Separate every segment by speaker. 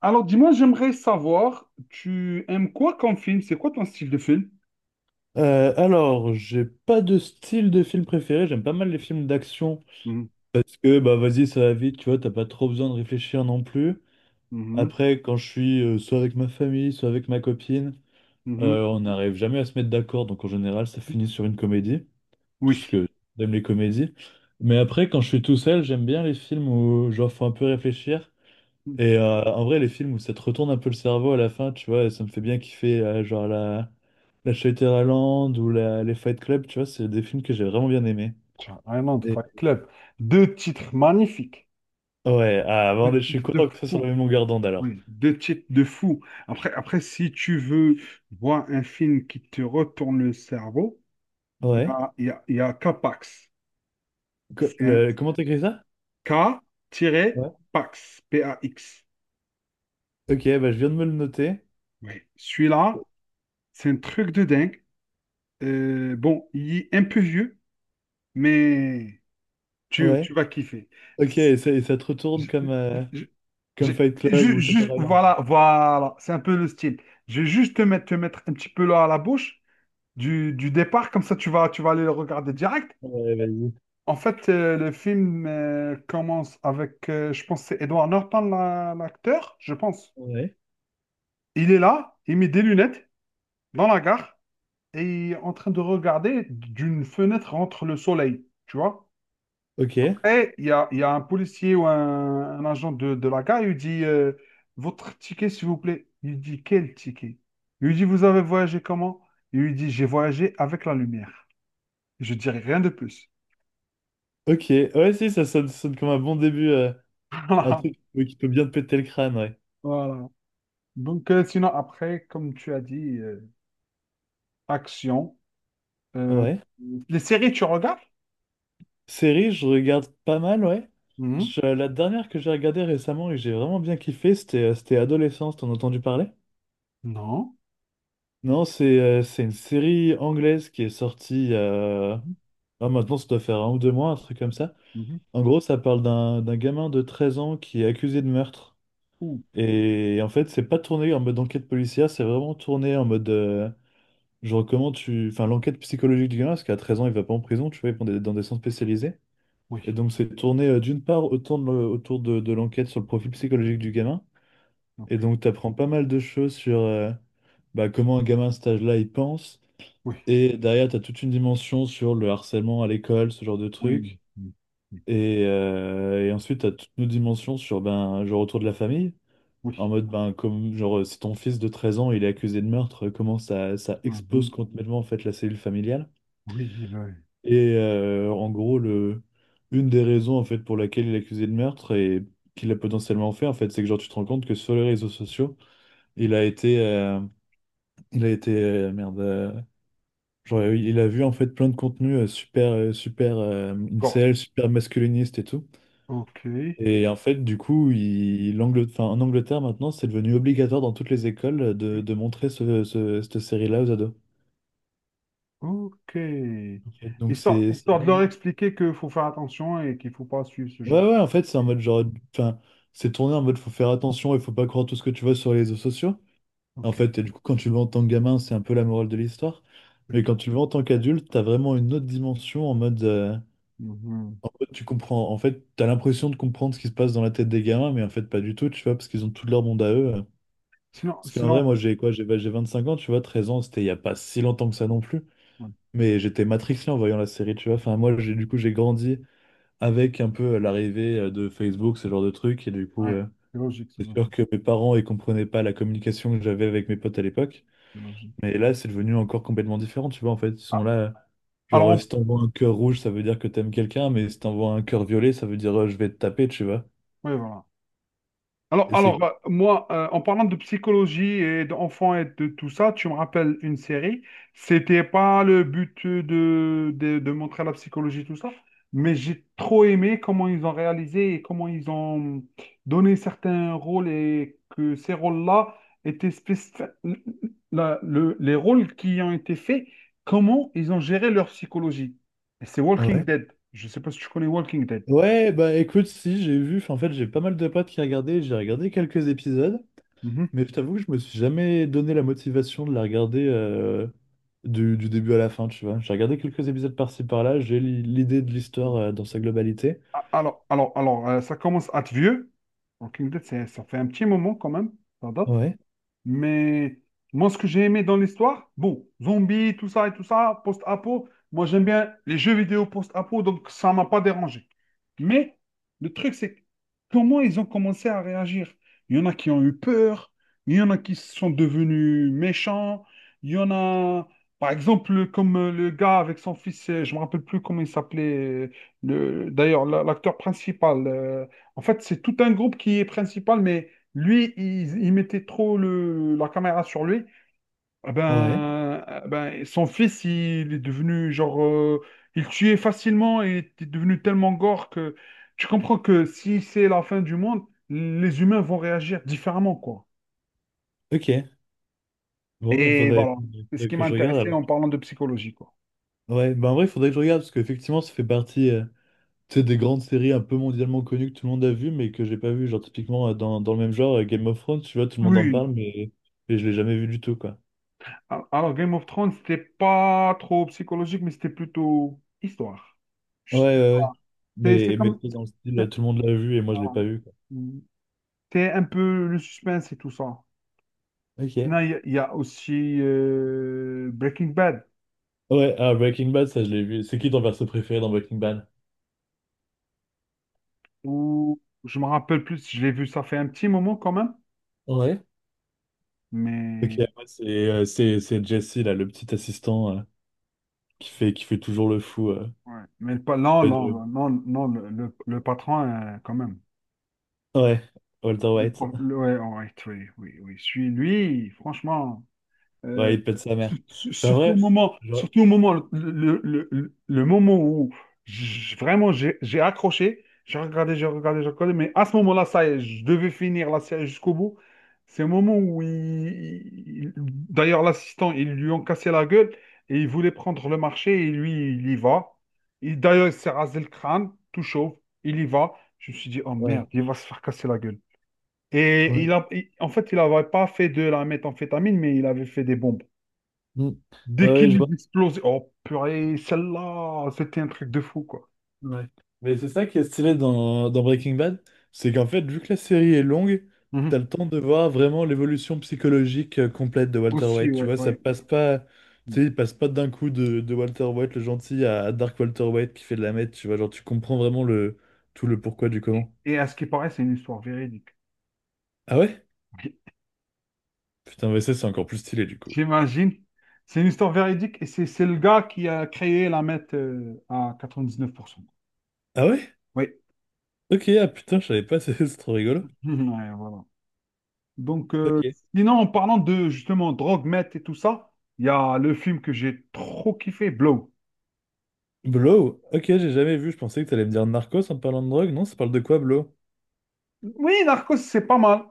Speaker 1: Alors, dis-moi, j'aimerais savoir, tu aimes quoi comme film? C'est quoi ton style de film?
Speaker 2: Alors, j'ai pas de style de film préféré, j'aime pas mal les films d'action
Speaker 1: Mhm,
Speaker 2: parce que bah vas-y, ça va vite, tu vois, t'as pas trop besoin de réfléchir non plus.
Speaker 1: mhm,
Speaker 2: Après, quand je suis soit avec ma famille, soit avec ma copine,
Speaker 1: mhm.
Speaker 2: on n'arrive jamais à se mettre d'accord, donc en général, ça finit sur une comédie, parce
Speaker 1: Oui.
Speaker 2: que j'aime les comédies. Mais après, quand je suis tout seul, j'aime bien les films où genre faut un peu réfléchir. Et en vrai, les films où ça te retourne un peu le cerveau à la fin, tu vois, ça me fait bien kiffer, genre la Shutter Island ou les Fight Club, tu vois, c'est des films que j'ai vraiment bien aimés.
Speaker 1: Tiens, Island
Speaker 2: Et-
Speaker 1: Fight Club. Deux titres magnifiques.
Speaker 2: Ouais, ah, bon,
Speaker 1: Deux
Speaker 2: je suis
Speaker 1: titres de
Speaker 2: content que ce soit sur la
Speaker 1: fou.
Speaker 2: même longueur d'onde alors.
Speaker 1: Oui, deux titres de fou. Après, si tu veux voir un film qui te retourne le cerveau, il y
Speaker 2: Ouais.
Speaker 1: a, il y a, il y a K-Pax. C'est un
Speaker 2: Comment t'écris ça? Ouais.
Speaker 1: K-Pax, P-A-X.
Speaker 2: Ok, bah, je viens de me le noter.
Speaker 1: Oui, celui-là, c'est un truc de dingue. Bon, il est un peu vieux, mais tu,
Speaker 2: Ouais.
Speaker 1: tu vas kiffer.
Speaker 2: Ok, et ça, te retourne
Speaker 1: Je-
Speaker 2: comme
Speaker 1: je-
Speaker 2: Fight Club
Speaker 1: je-
Speaker 2: ou Shutter Island.
Speaker 1: voilà, voilà, c'est un peu le style. Je vais juste te mettre un petit peu là à la bouche du départ, comme ça tu vas aller le regarder direct.
Speaker 2: Ouais, vas-y.
Speaker 1: En fait, le film commence avec, je pense, que c'est Edward Norton, l'acteur, je pense.
Speaker 2: Ouais.
Speaker 1: Il est là, il met des lunettes dans la gare et il est en train de regarder d'une fenêtre entre le soleil, tu vois.
Speaker 2: Ok.
Speaker 1: Après, il y a un policier ou un agent de la gare, il lui dit Votre ticket, s'il vous plaît. Il lui dit Quel ticket? Il lui dit Vous avez voyagé comment? Il lui dit J'ai voyagé avec la lumière. Je dirais rien de plus.
Speaker 2: Ok. Ouais, si, ça sonne comme un bon début, un
Speaker 1: Voilà.
Speaker 2: truc qui peut bien te péter le crâne, ouais.
Speaker 1: Voilà. Donc, sinon, après, comme tu as dit, action. Euh,
Speaker 2: Ouais.
Speaker 1: les séries, tu regardes?
Speaker 2: Série, je regarde pas mal, ouais.
Speaker 1: Mhm.
Speaker 2: La dernière que j'ai regardée récemment et que j'ai vraiment bien kiffé, c'était Adolescence, t'en as entendu parler?
Speaker 1: Non.
Speaker 2: Non, c'est une série anglaise qui est sortie.
Speaker 1: Mhm.
Speaker 2: Ah, maintenant, ça doit faire 1 ou 2 mois, un truc comme ça.
Speaker 1: Mhm.
Speaker 2: En gros, ça parle d'un gamin de 13 ans qui est accusé de meurtre.
Speaker 1: Ouh.
Speaker 2: Et en fait, c'est pas tourné en mode enquête policière, c'est vraiment tourné en mode, genre, comment tu. Enfin, l'enquête psychologique du gamin, parce qu'à 13 ans, il va pas en prison, tu vois, il va dans des centres spécialisés.
Speaker 1: Oui.
Speaker 2: Et donc, c'est tourné d'une part autour de l'enquête sur le profil psychologique du gamin. Et
Speaker 1: Ok.
Speaker 2: donc, tu apprends pas mal de choses sur bah, comment un gamin à cet âge-là, il pense.
Speaker 1: Oui.
Speaker 2: Et derrière, tu as toute une dimension sur le harcèlement à l'école, ce genre de
Speaker 1: Oui.
Speaker 2: truc.
Speaker 1: Oui. Oui.
Speaker 2: Et ensuite, tu as toute une dimension sur ben, genre autour de la famille. En
Speaker 1: Oui.
Speaker 2: mode, ben, comme, genre, si ton fils de 13 ans, il est accusé de meurtre, comment ça, ça expose
Speaker 1: Mhm.
Speaker 2: complètement en fait, la cellule familiale.
Speaker 1: Oui. Le
Speaker 2: Et en gros, une des raisons en fait pour laquelle il est accusé de meurtre et qu'il a potentiellement fait, en fait, c'est que genre tu te rends compte que sur les réseaux sociaux, il a été, euh, il a été genre il a vu en fait plein de contenus super
Speaker 1: corps.
Speaker 2: incel, super masculiniste et tout.
Speaker 1: Ok.
Speaker 2: Et en fait, du coup, enfin, en Angleterre maintenant, c'est devenu obligatoire dans toutes les écoles de montrer cette série-là aux ados.
Speaker 1: Ok.
Speaker 2: En fait, donc
Speaker 1: Histoire,
Speaker 2: c'est
Speaker 1: histoire de leur expliquer qu'il faut faire attention et qu'il faut pas suivre ce
Speaker 2: ouais,
Speaker 1: genre
Speaker 2: ouais, en fait, c'est en
Speaker 1: de.
Speaker 2: mode genre. Enfin, c'est tourné en mode faut faire attention et faut pas croire tout ce que tu vois sur les réseaux sociaux. En
Speaker 1: Ok.
Speaker 2: fait, et du coup, quand tu le vois en tant que gamin, c'est un peu la morale de l'histoire. Mais quand
Speaker 1: Ok.
Speaker 2: tu le vois en tant qu'adulte, t'as vraiment une autre dimension en mode. euh,
Speaker 1: Mhm.
Speaker 2: en mode, tu comprends. En fait, t'as l'impression de comprendre ce qui se passe dans la tête des gamins, mais en fait, pas du tout, tu vois, parce qu'ils ont tout leur monde à eux.
Speaker 1: Sinon,
Speaker 2: Parce qu'en vrai,
Speaker 1: sinon...
Speaker 2: moi, j'ai quoi? J'ai bah, j'ai 25 ans, tu vois, 13 ans, c'était il y a pas si longtemps que ça non plus.
Speaker 1: Ouais,
Speaker 2: Mais j'étais matrixé en voyant la série, tu vois. Enfin, moi, j'ai du coup, j'ai grandi avec un peu l'arrivée de Facebook, ce genre de truc, et du coup.
Speaker 1: ouais,
Speaker 2: euh,
Speaker 1: c'est logique, c'est
Speaker 2: C'est sûr
Speaker 1: logique,
Speaker 2: que mes parents, ils comprenaient pas la communication que j'avais avec mes potes à l'époque.
Speaker 1: c'est logique.
Speaker 2: Mais là, c'est devenu encore complètement différent, tu vois. En fait, ils sont
Speaker 1: Ah,
Speaker 2: là.
Speaker 1: alors,
Speaker 2: Genre, si t'envoies un cœur rouge, ça veut dire que t'aimes quelqu'un. Mais si t'envoies un cœur violet, ça veut dire je vais te taper, tu vois.
Speaker 1: ouais, voilà. Alors,
Speaker 2: Et c'est...
Speaker 1: alors euh, moi, en parlant de psychologie et d'enfants et de tout ça, tu me rappelles une série. C'était pas le but de montrer la psychologie, tout ça, mais j'ai trop aimé comment ils ont réalisé et comment ils ont donné certains rôles et que ces rôles-là étaient spécifiques. Les rôles qui ont été faits, comment ils ont géré leur psychologie. Et c'est Walking
Speaker 2: Ouais.
Speaker 1: Dead. Je sais pas si tu connais Walking Dead.
Speaker 2: Ouais, bah écoute, si, j'ai vu. Enfin, en fait, j'ai pas mal de potes qui regardaient. J'ai regardé quelques épisodes. Mais je t'avoue que je me suis jamais donné la motivation de la regarder du début à la fin, tu vois. J'ai regardé quelques épisodes par-ci par-là. J'ai l'idée de l'histoire dans sa
Speaker 1: Mhm.
Speaker 2: globalité.
Speaker 1: Alors, ça commence à être vieux. Walking Dead, ça fait un petit moment quand même. Ça date.
Speaker 2: Ouais,
Speaker 1: Mais moi, ce que j'ai aimé dans l'histoire, bon, zombies, tout ça et tout ça, post-apo, moi j'aime bien les jeux vidéo post-apo, donc ça m'a pas dérangé. Mais le truc, c'est comment ils ont commencé à réagir. Il y en a qui ont eu peur, il y en a qui sont devenus méchants, il y en a, par exemple, comme le gars avec son fils, je me rappelle plus comment il s'appelait, d'ailleurs, l'acteur principal. En fait, c'est tout un groupe qui est principal, mais lui, il mettait trop la caméra sur lui. Eh
Speaker 2: ouais.
Speaker 1: ben, eh ben, son fils, il est devenu genre, il tuait facilement et était devenu tellement gore que tu comprends que si c'est la fin du monde, les humains vont réagir différemment, quoi.
Speaker 2: Ok. Bon, il
Speaker 1: Et
Speaker 2: faudrait,
Speaker 1: voilà, c'est ce
Speaker 2: faudrait
Speaker 1: qui
Speaker 2: que
Speaker 1: m'a
Speaker 2: je regarde
Speaker 1: intéressé
Speaker 2: alors.
Speaker 1: en parlant de psychologie, quoi.
Speaker 2: Ouais, bah en vrai, il faudrait que je regarde parce qu'effectivement, ça fait partie tu sais, des grandes séries un peu mondialement connues que tout le monde a vues, mais que j'ai pas vues. Genre, typiquement, dans le même genre, Game of Thrones, tu vois, tout le monde en
Speaker 1: Oui.
Speaker 2: parle, mais je l'ai jamais vu du tout, quoi.
Speaker 1: Alors, Game of Thrones, c'était pas trop psychologique, mais c'était plutôt histoire.
Speaker 2: Ouais,
Speaker 1: Je sais
Speaker 2: ouais,
Speaker 1: pas.
Speaker 2: ouais.
Speaker 1: C'est
Speaker 2: Mais
Speaker 1: comme.
Speaker 2: c'est dans le style,
Speaker 1: C'est-
Speaker 2: tout le monde l'a vu et moi, je l'ai
Speaker 1: voilà.
Speaker 2: pas vu, quoi.
Speaker 1: Hmm. C'est un peu le suspense et tout ça. Non,
Speaker 2: Ok.
Speaker 1: il y a aussi Breaking Bad,
Speaker 2: Ouais, ah, Breaking Bad, ça, je l'ai vu. C'est qui ton perso préféré dans Breaking Bad?
Speaker 1: où je me rappelle plus, si je l'ai vu, ça fait un petit moment quand même,
Speaker 2: Ouais. Ok,
Speaker 1: mais,
Speaker 2: moi, c'est Jesse, là, le petit assistant qui fait toujours le fou.
Speaker 1: ouais. Mais pas, non,
Speaker 2: auprès de-
Speaker 1: non, non, non, le patron, quand même.
Speaker 2: Ouais, Walter White.
Speaker 1: Ouais, ouais, oui, oui, oui, celui, lui, franchement. Euh,
Speaker 2: Ouais, il pète sa mère. Bah
Speaker 1: Surtout au
Speaker 2: bref,
Speaker 1: moment,
Speaker 2: genre,
Speaker 1: le moment où vraiment j'ai accroché, j'ai regardé, j'ai regardé, j'ai regardé, mais à ce moment-là, ça y est, je devais finir la série jusqu'au bout. C'est le moment où d'ailleurs l'assistant, ils lui ont cassé la gueule et il voulait prendre le marché et lui, il y va. Et d'ailleurs, il s'est rasé le crâne, tout chauve, il y va. Je me suis dit, oh
Speaker 2: ouais.
Speaker 1: merde, il va se faire casser la gueule. Et
Speaker 2: Ouais,
Speaker 1: en fait, il n'avait pas fait de la méthamphétamine, mais il avait fait des bonbons.
Speaker 2: Mm.
Speaker 1: Dès
Speaker 2: Ouais, ouais,
Speaker 1: qu'il
Speaker 2: je vois.
Speaker 1: les explose, oh purée, celle-là, c'était un truc de fou, quoi.
Speaker 2: Ouais. Mais c'est ça qui est stylé dans Breaking Bad, c'est qu'en fait, vu que la série est longue, t'as
Speaker 1: Mhm.
Speaker 2: le temps de voir vraiment l'évolution psychologique complète de Walter
Speaker 1: Aussi,
Speaker 2: White. Tu
Speaker 1: ouais,
Speaker 2: vois, ça
Speaker 1: ouais.
Speaker 2: passe pas, tu sais, il passe pas d'un coup de Walter White le gentil à Dark Walter White qui fait de la meth. Tu vois, genre, tu comprends vraiment tout le pourquoi du
Speaker 1: Et,
Speaker 2: comment.
Speaker 1: et à ce qui paraît, c'est une histoire véridique.
Speaker 2: Ah ouais?
Speaker 1: J-
Speaker 2: Putain, mais ça, c'est encore plus stylé du coup.
Speaker 1: J'imagine. C'est une histoire véridique et c'est le gars qui a créé la MET à 99%.
Speaker 2: Ah ouais?
Speaker 1: Oui.
Speaker 2: Ok, ah putain, je savais pas, c'est trop rigolo.
Speaker 1: Ouais, voilà. Donc,
Speaker 2: Ok.
Speaker 1: sinon, en parlant de justement drogue, meth et tout ça, il y a le film que j'ai trop kiffé, Blow.
Speaker 2: Blow? Ok, j'ai jamais vu. Je pensais que t'allais me dire Narcos en parlant de drogue. Non, ça parle de quoi, Blow?
Speaker 1: Oui, Narcos, c'est pas mal.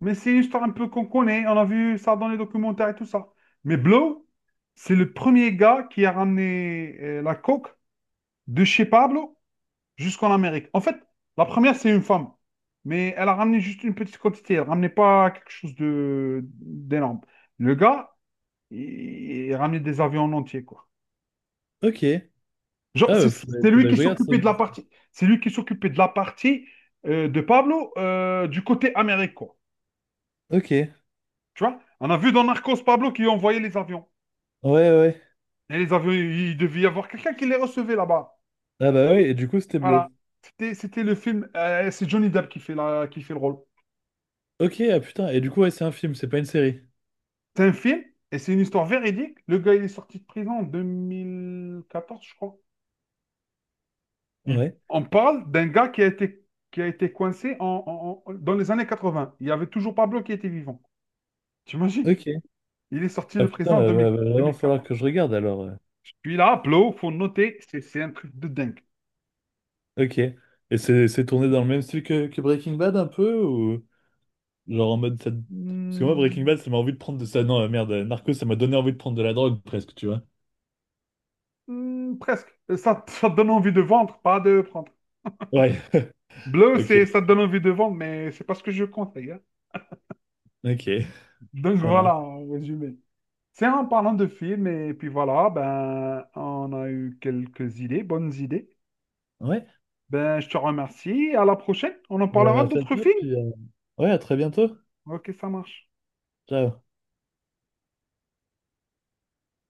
Speaker 1: Mais c'est une histoire un peu qu'on connaît. On a vu ça dans les documentaires et tout ça. Mais Blow, c'est le premier gars qui a ramené la coke de chez Pablo jusqu'en Amérique. En fait, la première, c'est une femme. Mais elle a ramené juste une petite quantité. Elle ramenait pas quelque chose de d'énorme. Le gars, il, il ramenait des avions en entier, quoi.
Speaker 2: Ok.
Speaker 1: Genre,
Speaker 2: Ah,
Speaker 1: c'est
Speaker 2: bah, faudrait,
Speaker 1: c'est lui
Speaker 2: faudrait que
Speaker 1: qui
Speaker 2: je regarde.
Speaker 1: s'occupait de la partie. C'est lui qui s'occupait de la partie de Pablo du côté Amérique, quoi.
Speaker 2: Ok.
Speaker 1: Tu vois? On a vu dans Narcos Pablo qui envoyait les avions.
Speaker 2: Ouais, ouais.
Speaker 1: Et les avions, il devait y avoir quelqu'un qui les recevait là-bas.
Speaker 2: Ah bah ouais, et du coup, c'était
Speaker 1: Voilà.
Speaker 2: Blow.
Speaker 1: C'était le film. C'est Johnny Depp qui fait, qui fait le rôle.
Speaker 2: Ok, ah putain. Et du coup, ouais, c'est un film, c'est pas une série.
Speaker 1: C'est un film et c'est une histoire véridique. Le gars, il est sorti de prison en 2014, je crois.
Speaker 2: Ouais.
Speaker 1: On parle d'un gars qui a été coincé dans les années 80. Il y avait toujours Pablo qui était vivant. T'imagines?
Speaker 2: Ok.
Speaker 1: Il est sorti de
Speaker 2: Ah putain,
Speaker 1: prison en
Speaker 2: va va-
Speaker 1: 2000
Speaker 2: va vraiment falloir
Speaker 1: 2014.
Speaker 2: que je regarde alors.
Speaker 1: Celui-là, Pablo, faut noter, c'est un truc de dingue.
Speaker 2: Ok. Et c'est tourné dans le même style que Breaking Bad un peu ou genre en mode ça. Parce que moi Breaking
Speaker 1: Hmm.
Speaker 2: Bad ça m'a envie de prendre de ça. Non, merde, Narcos ça m'a donné envie de prendre de la drogue presque, tu vois.
Speaker 1: Hmm, presque. Ça te donne envie de vendre, pas de prendre.
Speaker 2: Ouais.
Speaker 1: Bleu,
Speaker 2: Ok.
Speaker 1: c'est ça te donne envie de vendre, mais c'est pas ce que je conseille, hein.
Speaker 2: Ok.
Speaker 1: Donc
Speaker 2: Ça va.
Speaker 1: voilà, en résumé. C'est en parlant de films, et puis voilà, ben, on a eu quelques idées, bonnes idées.
Speaker 2: Ouais.
Speaker 1: Ben, je te remercie. À la prochaine. On en
Speaker 2: Eh bien,
Speaker 1: parlera
Speaker 2: merci à
Speaker 1: d'autres
Speaker 2: toi,
Speaker 1: films.
Speaker 2: puis ouais, à très bientôt.
Speaker 1: Ok, ça marche.
Speaker 2: Ciao.